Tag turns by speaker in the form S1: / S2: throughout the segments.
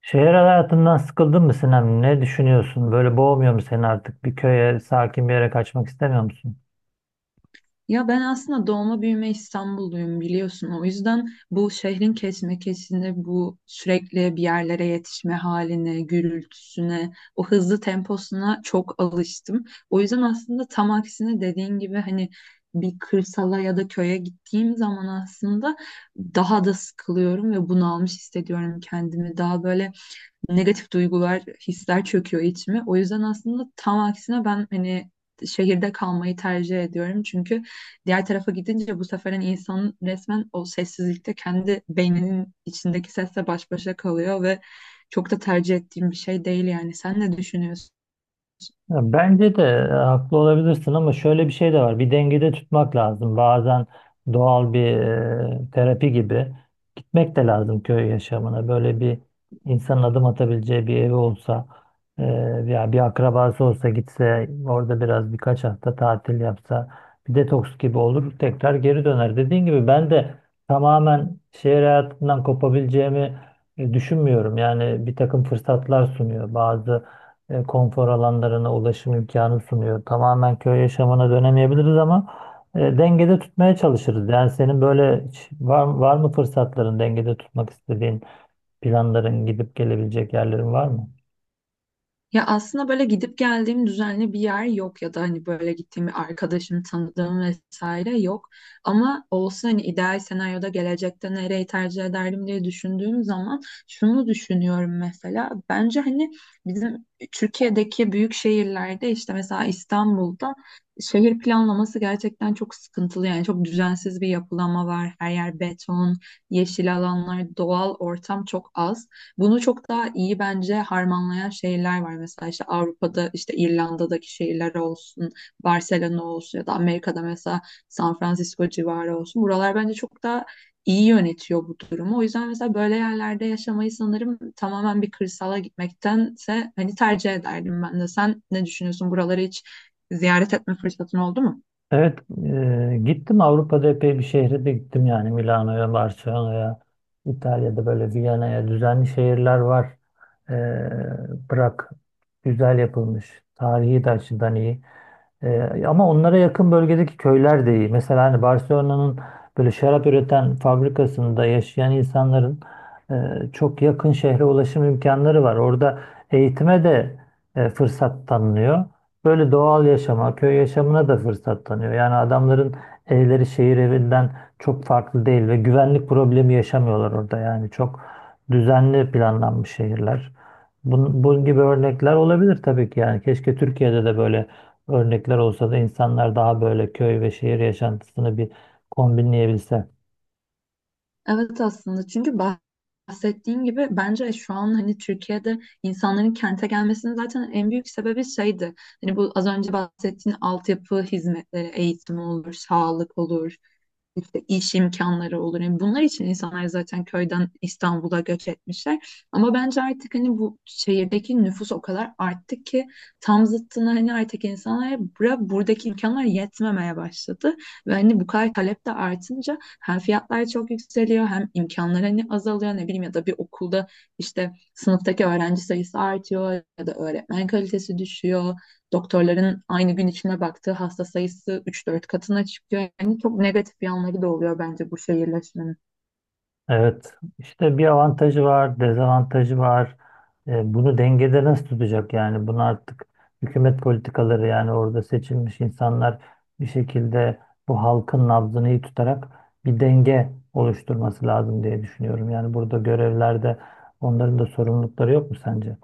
S1: Şehir hayatından sıkıldın mı Sinem? Ne düşünüyorsun? Böyle boğmuyor mu seni artık? Bir köye, sakin bir yere kaçmak istemiyor musun?
S2: Ya ben aslında doğma büyüme İstanbulluyum biliyorsun. O yüzden bu şehrin kesmekesini, bu sürekli bir yerlere yetişme haline, gürültüsüne, o hızlı temposuna çok alıştım. O yüzden aslında tam aksine dediğin gibi hani bir kırsala ya da köye gittiğim zaman aslında daha da sıkılıyorum ve bunalmış hissediyorum kendimi. Daha böyle negatif duygular, hisler çöküyor içime. O yüzden aslında tam aksine ben hani şehirde kalmayı tercih ediyorum. Çünkü diğer tarafa gidince bu sefer hani insan resmen o sessizlikte kendi beyninin içindeki sesle baş başa kalıyor ve çok da tercih ettiğim bir şey değil yani. Sen ne düşünüyorsun?
S1: Ya bence de haklı olabilirsin ama şöyle bir şey de var. Bir dengede tutmak lazım. Bazen doğal bir terapi gibi gitmek de lazım köy yaşamına. Böyle bir insanın adım atabileceği bir evi olsa veya bir akrabası olsa gitse orada biraz birkaç hafta tatil yapsa bir detoks gibi olur tekrar geri döner. Dediğin gibi ben de tamamen şehir hayatından kopabileceğimi düşünmüyorum. Yani bir takım fırsatlar sunuyor, bazı konfor alanlarına ulaşım imkanı sunuyor. Tamamen köy yaşamına dönemeyebiliriz ama dengede tutmaya çalışırız. Yani senin böyle hiç var mı fırsatların, dengede tutmak istediğin planların, gidip gelebilecek yerlerin var mı?
S2: Ya aslında böyle gidip geldiğim düzenli bir yer yok ya da hani böyle gittiğim bir arkadaşım, tanıdığım vesaire yok. Ama olsa hani ideal senaryoda gelecekte nereyi tercih ederdim diye düşündüğüm zaman şunu düşünüyorum mesela. Bence hani bizim Türkiye'deki büyük şehirlerde işte mesela İstanbul'da şehir planlaması gerçekten çok sıkıntılı. Yani çok düzensiz bir yapılanma var. Her yer beton, yeşil alanlar, doğal ortam çok az. Bunu çok daha iyi bence harmanlayan şehirler var. Mesela işte Avrupa'da işte İrlanda'daki şehirler olsun, Barcelona olsun ya da Amerika'da mesela San Francisco civarı olsun. Buralar bence çok daha iyi yönetiyor bu durumu. O yüzden mesela böyle yerlerde yaşamayı sanırım tamamen bir kırsala gitmektense hani tercih ederdim ben de. Sen ne düşünüyorsun? Buraları hiç ziyaret etme fırsatın oldu mu?
S1: Evet, gittim, Avrupa'da epey bir şehre de gittim yani, Milano'ya, Barcelona'ya, İtalya'da, böyle Viyana'ya, düzenli şehirler var. E, bırak güzel yapılmış, tarihi de açıdan iyi. Ama onlara yakın bölgedeki köyler de iyi. Mesela hani Barcelona'nın böyle şarap üreten fabrikasında yaşayan insanların e, çok yakın şehre ulaşım imkanları var. Orada eğitime de fırsat tanınıyor. Böyle doğal yaşama, köy yaşamına da fırsat tanıyor. Yani adamların evleri şehir evinden çok farklı değil ve güvenlik problemi yaşamıyorlar orada. Yani çok düzenli planlanmış şehirler. Bunun gibi örnekler olabilir tabii ki yani. Keşke Türkiye'de de böyle örnekler olsa da insanlar daha böyle köy ve şehir yaşantısını bir kombinleyebilse.
S2: Evet aslında çünkü bahsettiğin gibi bence şu an hani Türkiye'de insanların kente gelmesinin zaten en büyük sebebi şeydi. Hani bu az önce bahsettiğin altyapı hizmetleri, eğitim olur, sağlık olur, işte iş imkanları olur. Yani bunlar için insanlar zaten köyden İstanbul'a göç etmişler. Ama bence artık hani bu şehirdeki nüfus o kadar arttı ki tam zıttına hani artık insanlara buradaki imkanlar yetmemeye başladı. Ve hani bu kadar talep de artınca hem fiyatlar çok yükseliyor hem imkanlar hani azalıyor, ne bileyim, ya da bir okulda işte sınıftaki öğrenci sayısı artıyor ya da öğretmen kalitesi düşüyor. Doktorların aynı gün içine baktığı hasta sayısı 3-4 katına çıkıyor. Yani çok negatif yanları da oluyor bence bu şehirleşmenin.
S1: Evet, işte bir avantajı var, dezavantajı var. Bunu dengede nasıl tutacak yani? Bunu artık hükümet politikaları, yani orada seçilmiş insanlar bir şekilde bu halkın nabzını iyi tutarak bir denge oluşturması lazım diye düşünüyorum. Yani burada görevlerde onların da sorumlulukları yok mu sence?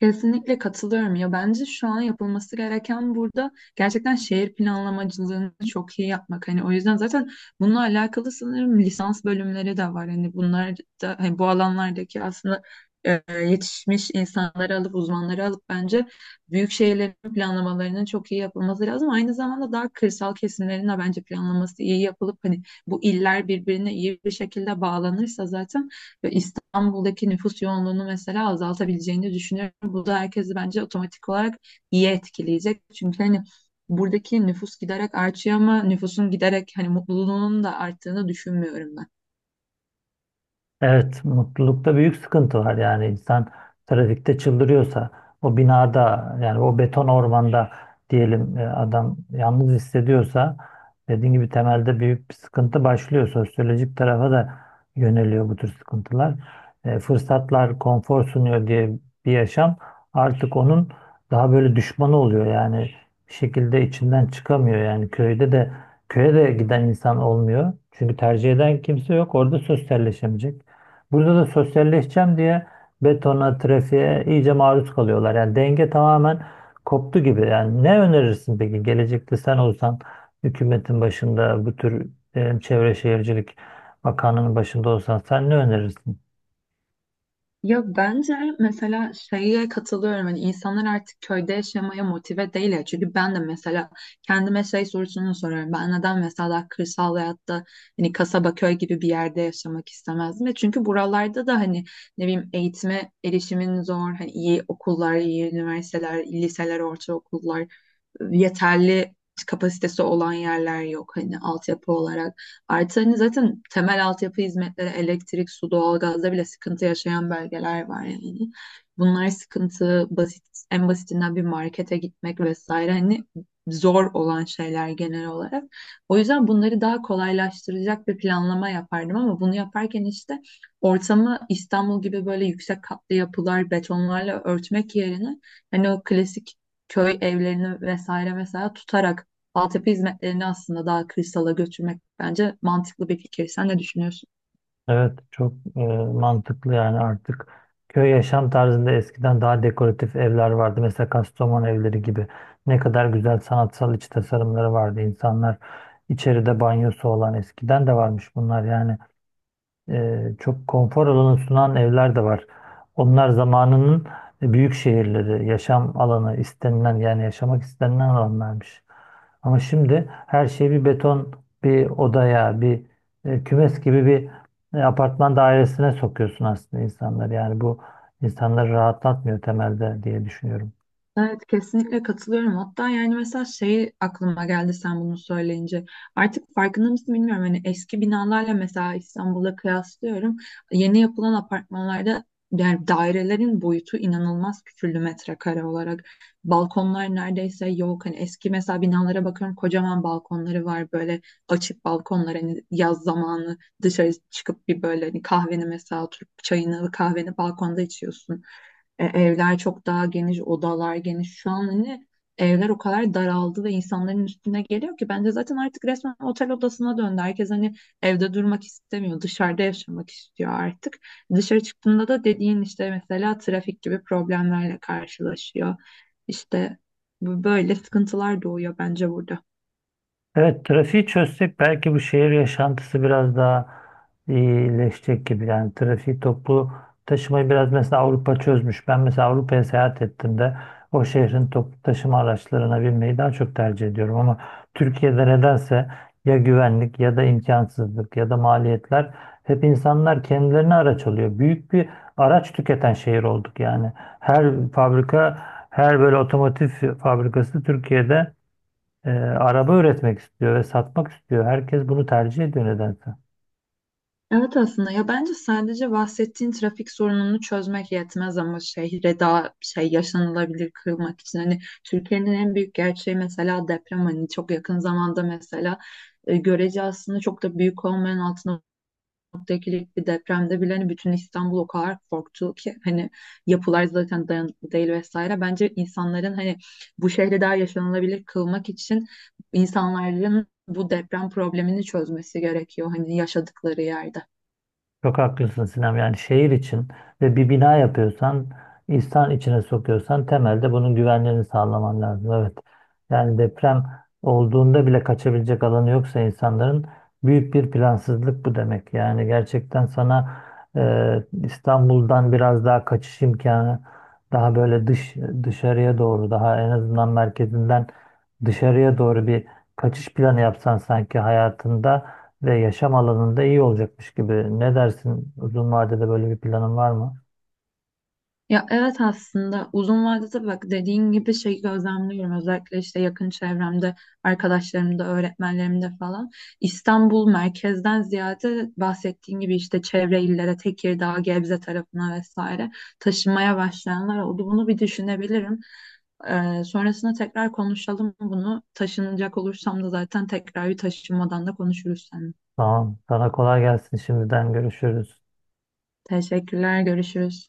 S2: Kesinlikle katılıyorum ya, bence şu an yapılması gereken burada gerçekten şehir planlamacılığını çok iyi yapmak. Hani o yüzden zaten bununla alakalı sanırım lisans bölümleri de var. Hani bunlar da hani bu alanlardaki aslında yetişmiş insanları alıp, uzmanları alıp bence büyük şehirlerin planlamalarının çok iyi yapılması lazım. Aynı zamanda daha kırsal kesimlerin de bence planlaması iyi yapılıp hani bu iller birbirine iyi bir şekilde bağlanırsa zaten İstanbul'daki nüfus yoğunluğunu mesela azaltabileceğini düşünüyorum. Bu da herkesi bence otomatik olarak iyi etkileyecek. Çünkü hani buradaki nüfus giderek artıyor ama nüfusun giderek hani mutluluğunun da arttığını düşünmüyorum ben.
S1: Evet, mutlulukta büyük sıkıntı var. Yani insan trafikte çıldırıyorsa, o binada, yani o beton ormanda diyelim, adam yalnız hissediyorsa, dediğim gibi temelde büyük bir sıkıntı başlıyor. Sosyolojik tarafa da yöneliyor bu tür sıkıntılar. Fırsatlar konfor sunuyor diye bir yaşam artık onun daha böyle düşmanı oluyor. Yani bir şekilde içinden çıkamıyor. Yani köyde de köye de giden insan olmuyor, çünkü tercih eden kimse yok, orada sosyalleşemeyecek. Burada da sosyalleşeceğim diye betona, trafiğe iyice maruz kalıyorlar. Yani denge tamamen koptu gibi. Yani ne önerirsin peki, gelecekte sen olsan hükümetin başında, bu tür Çevre Şehircilik Bakanlığı'nın başında olsan, sen ne önerirsin?
S2: Ya bence mesela şeye katılıyorum. Hani insanlar artık köyde yaşamaya motive değil ya. Çünkü ben de mesela kendime şey sorusunu soruyorum. Ben neden mesela kırsal hayatta hani kasaba, köy gibi bir yerde yaşamak istemezdim? Ve çünkü buralarda da hani ne bileyim, eğitime erişimin zor. Hani iyi okullar, iyi üniversiteler, liseler, ortaokullar, yeterli kapasitesi olan yerler yok hani altyapı olarak. Artı hani zaten temel altyapı hizmetleri elektrik, su, doğalgazda bile sıkıntı yaşayan bölgeler var yani. Bunlar sıkıntı, basit, en basitinden bir markete gitmek vesaire hani zor olan şeyler genel olarak. O yüzden bunları daha kolaylaştıracak bir planlama yapardım, ama bunu yaparken işte ortamı İstanbul gibi böyle yüksek katlı yapılar, betonlarla örtmek yerine hani o klasik köy evlerini vesaire mesela tutarak altyapı hizmetlerini aslında daha kırsala götürmek bence mantıklı bir fikir. Sen ne düşünüyorsun?
S1: Evet, çok mantıklı. Yani artık köy yaşam tarzında eskiden daha dekoratif evler vardı. Mesela Kastamonu evleri gibi, ne kadar güzel sanatsal iç tasarımları vardı. İnsanlar içeride banyosu olan, eskiden de varmış bunlar yani. Çok konfor alanı sunan evler de var. Onlar zamanının büyük şehirleri, yaşam alanı istenilen, yani yaşamak istenilen alanlarmış. Ama şimdi her şey bir beton, bir odaya, bir kümes gibi bir apartman dairesine sokuyorsun aslında insanları. Yani bu insanları rahatlatmıyor temelde diye düşünüyorum.
S2: Evet, kesinlikle katılıyorum. Hatta yani mesela şey aklıma geldi sen bunu söyleyince. Artık farkında mısın bilmiyorum. Hani eski binalarla mesela İstanbul'da kıyaslıyorum. Yeni yapılan apartmanlarda yani dairelerin boyutu inanılmaz küçüldü metrekare olarak. Balkonlar neredeyse yok. Hani eski mesela binalara bakıyorum, kocaman balkonları var böyle, açık balkonlar. Hani yaz zamanı dışarı çıkıp bir böyle hani kahveni mesela, oturup çayını kahveni balkonda içiyorsun. Evler çok daha geniş, odalar geniş. Şu an hani evler o kadar daraldı ve insanların üstüne geliyor ki bence zaten artık resmen otel odasına döndü. Herkes hani evde durmak istemiyor, dışarıda yaşamak istiyor artık. Dışarı çıktığında da dediğin işte mesela trafik gibi problemlerle karşılaşıyor. İşte böyle sıkıntılar doğuyor bence burada.
S1: Evet, trafiği çözsek belki bu şehir yaşantısı biraz daha iyileşecek gibi. Yani trafiği, toplu taşımayı biraz mesela Avrupa çözmüş. Ben mesela Avrupa'ya seyahat ettiğimde o şehrin toplu taşıma araçlarına binmeyi daha çok tercih ediyorum. Ama Türkiye'de nedense ya güvenlik, ya da imkansızlık, ya da maliyetler, hep insanlar kendilerine araç alıyor. Büyük bir araç tüketen şehir olduk yani. Her fabrika, her böyle otomotiv fabrikası Türkiye'de araba üretmek istiyor ve satmak istiyor. Herkes bunu tercih ediyor nedense.
S2: Evet aslında ya bence sadece bahsettiğin trafik sorununu çözmek yetmez ama şehre daha şey, yaşanılabilir kılmak için hani Türkiye'nin en büyük gerçeği mesela deprem. Hani çok yakın zamanda mesela görece aslında çok da büyük olmayan 6.2'lik bir depremde bile hani bütün İstanbul o kadar korktu ki hani yapılar zaten dayanıklı değil vesaire. Bence insanların hani bu şehri daha yaşanılabilir kılmak için insanların bu deprem problemini çözmesi gerekiyor hani yaşadıkları yerde.
S1: Çok haklısın Sinem. Yani şehir için ve bir bina yapıyorsan, insan içine sokuyorsan, temelde bunun güvenliğini sağlaman lazım. Evet. Yani deprem olduğunda bile kaçabilecek alanı yoksa insanların, büyük bir plansızlık bu demek. Yani gerçekten sana İstanbul'dan biraz daha kaçış imkanı, daha böyle dışarıya doğru, daha en azından merkezinden dışarıya doğru bir kaçış planı yapsan sanki hayatında ve yaşam alanında iyi olacakmış gibi. Ne dersin? Uzun vadede böyle bir planın var mı?
S2: Ya evet aslında uzun vadede, bak, dediğin gibi şeyi gözlemliyorum. Özellikle işte yakın çevremde, arkadaşlarımda, öğretmenlerimde falan İstanbul merkezden ziyade bahsettiğin gibi işte çevre illere, Tekirdağ, Gebze tarafına vesaire taşımaya başlayanlar oldu. Bunu bir düşünebilirim. Sonrasında tekrar konuşalım bunu. Taşınacak olursam da zaten tekrar bir taşınmadan da konuşuruz seninle.
S1: Tamam. Sana kolay gelsin. Şimdiden görüşürüz.
S2: Teşekkürler, görüşürüz.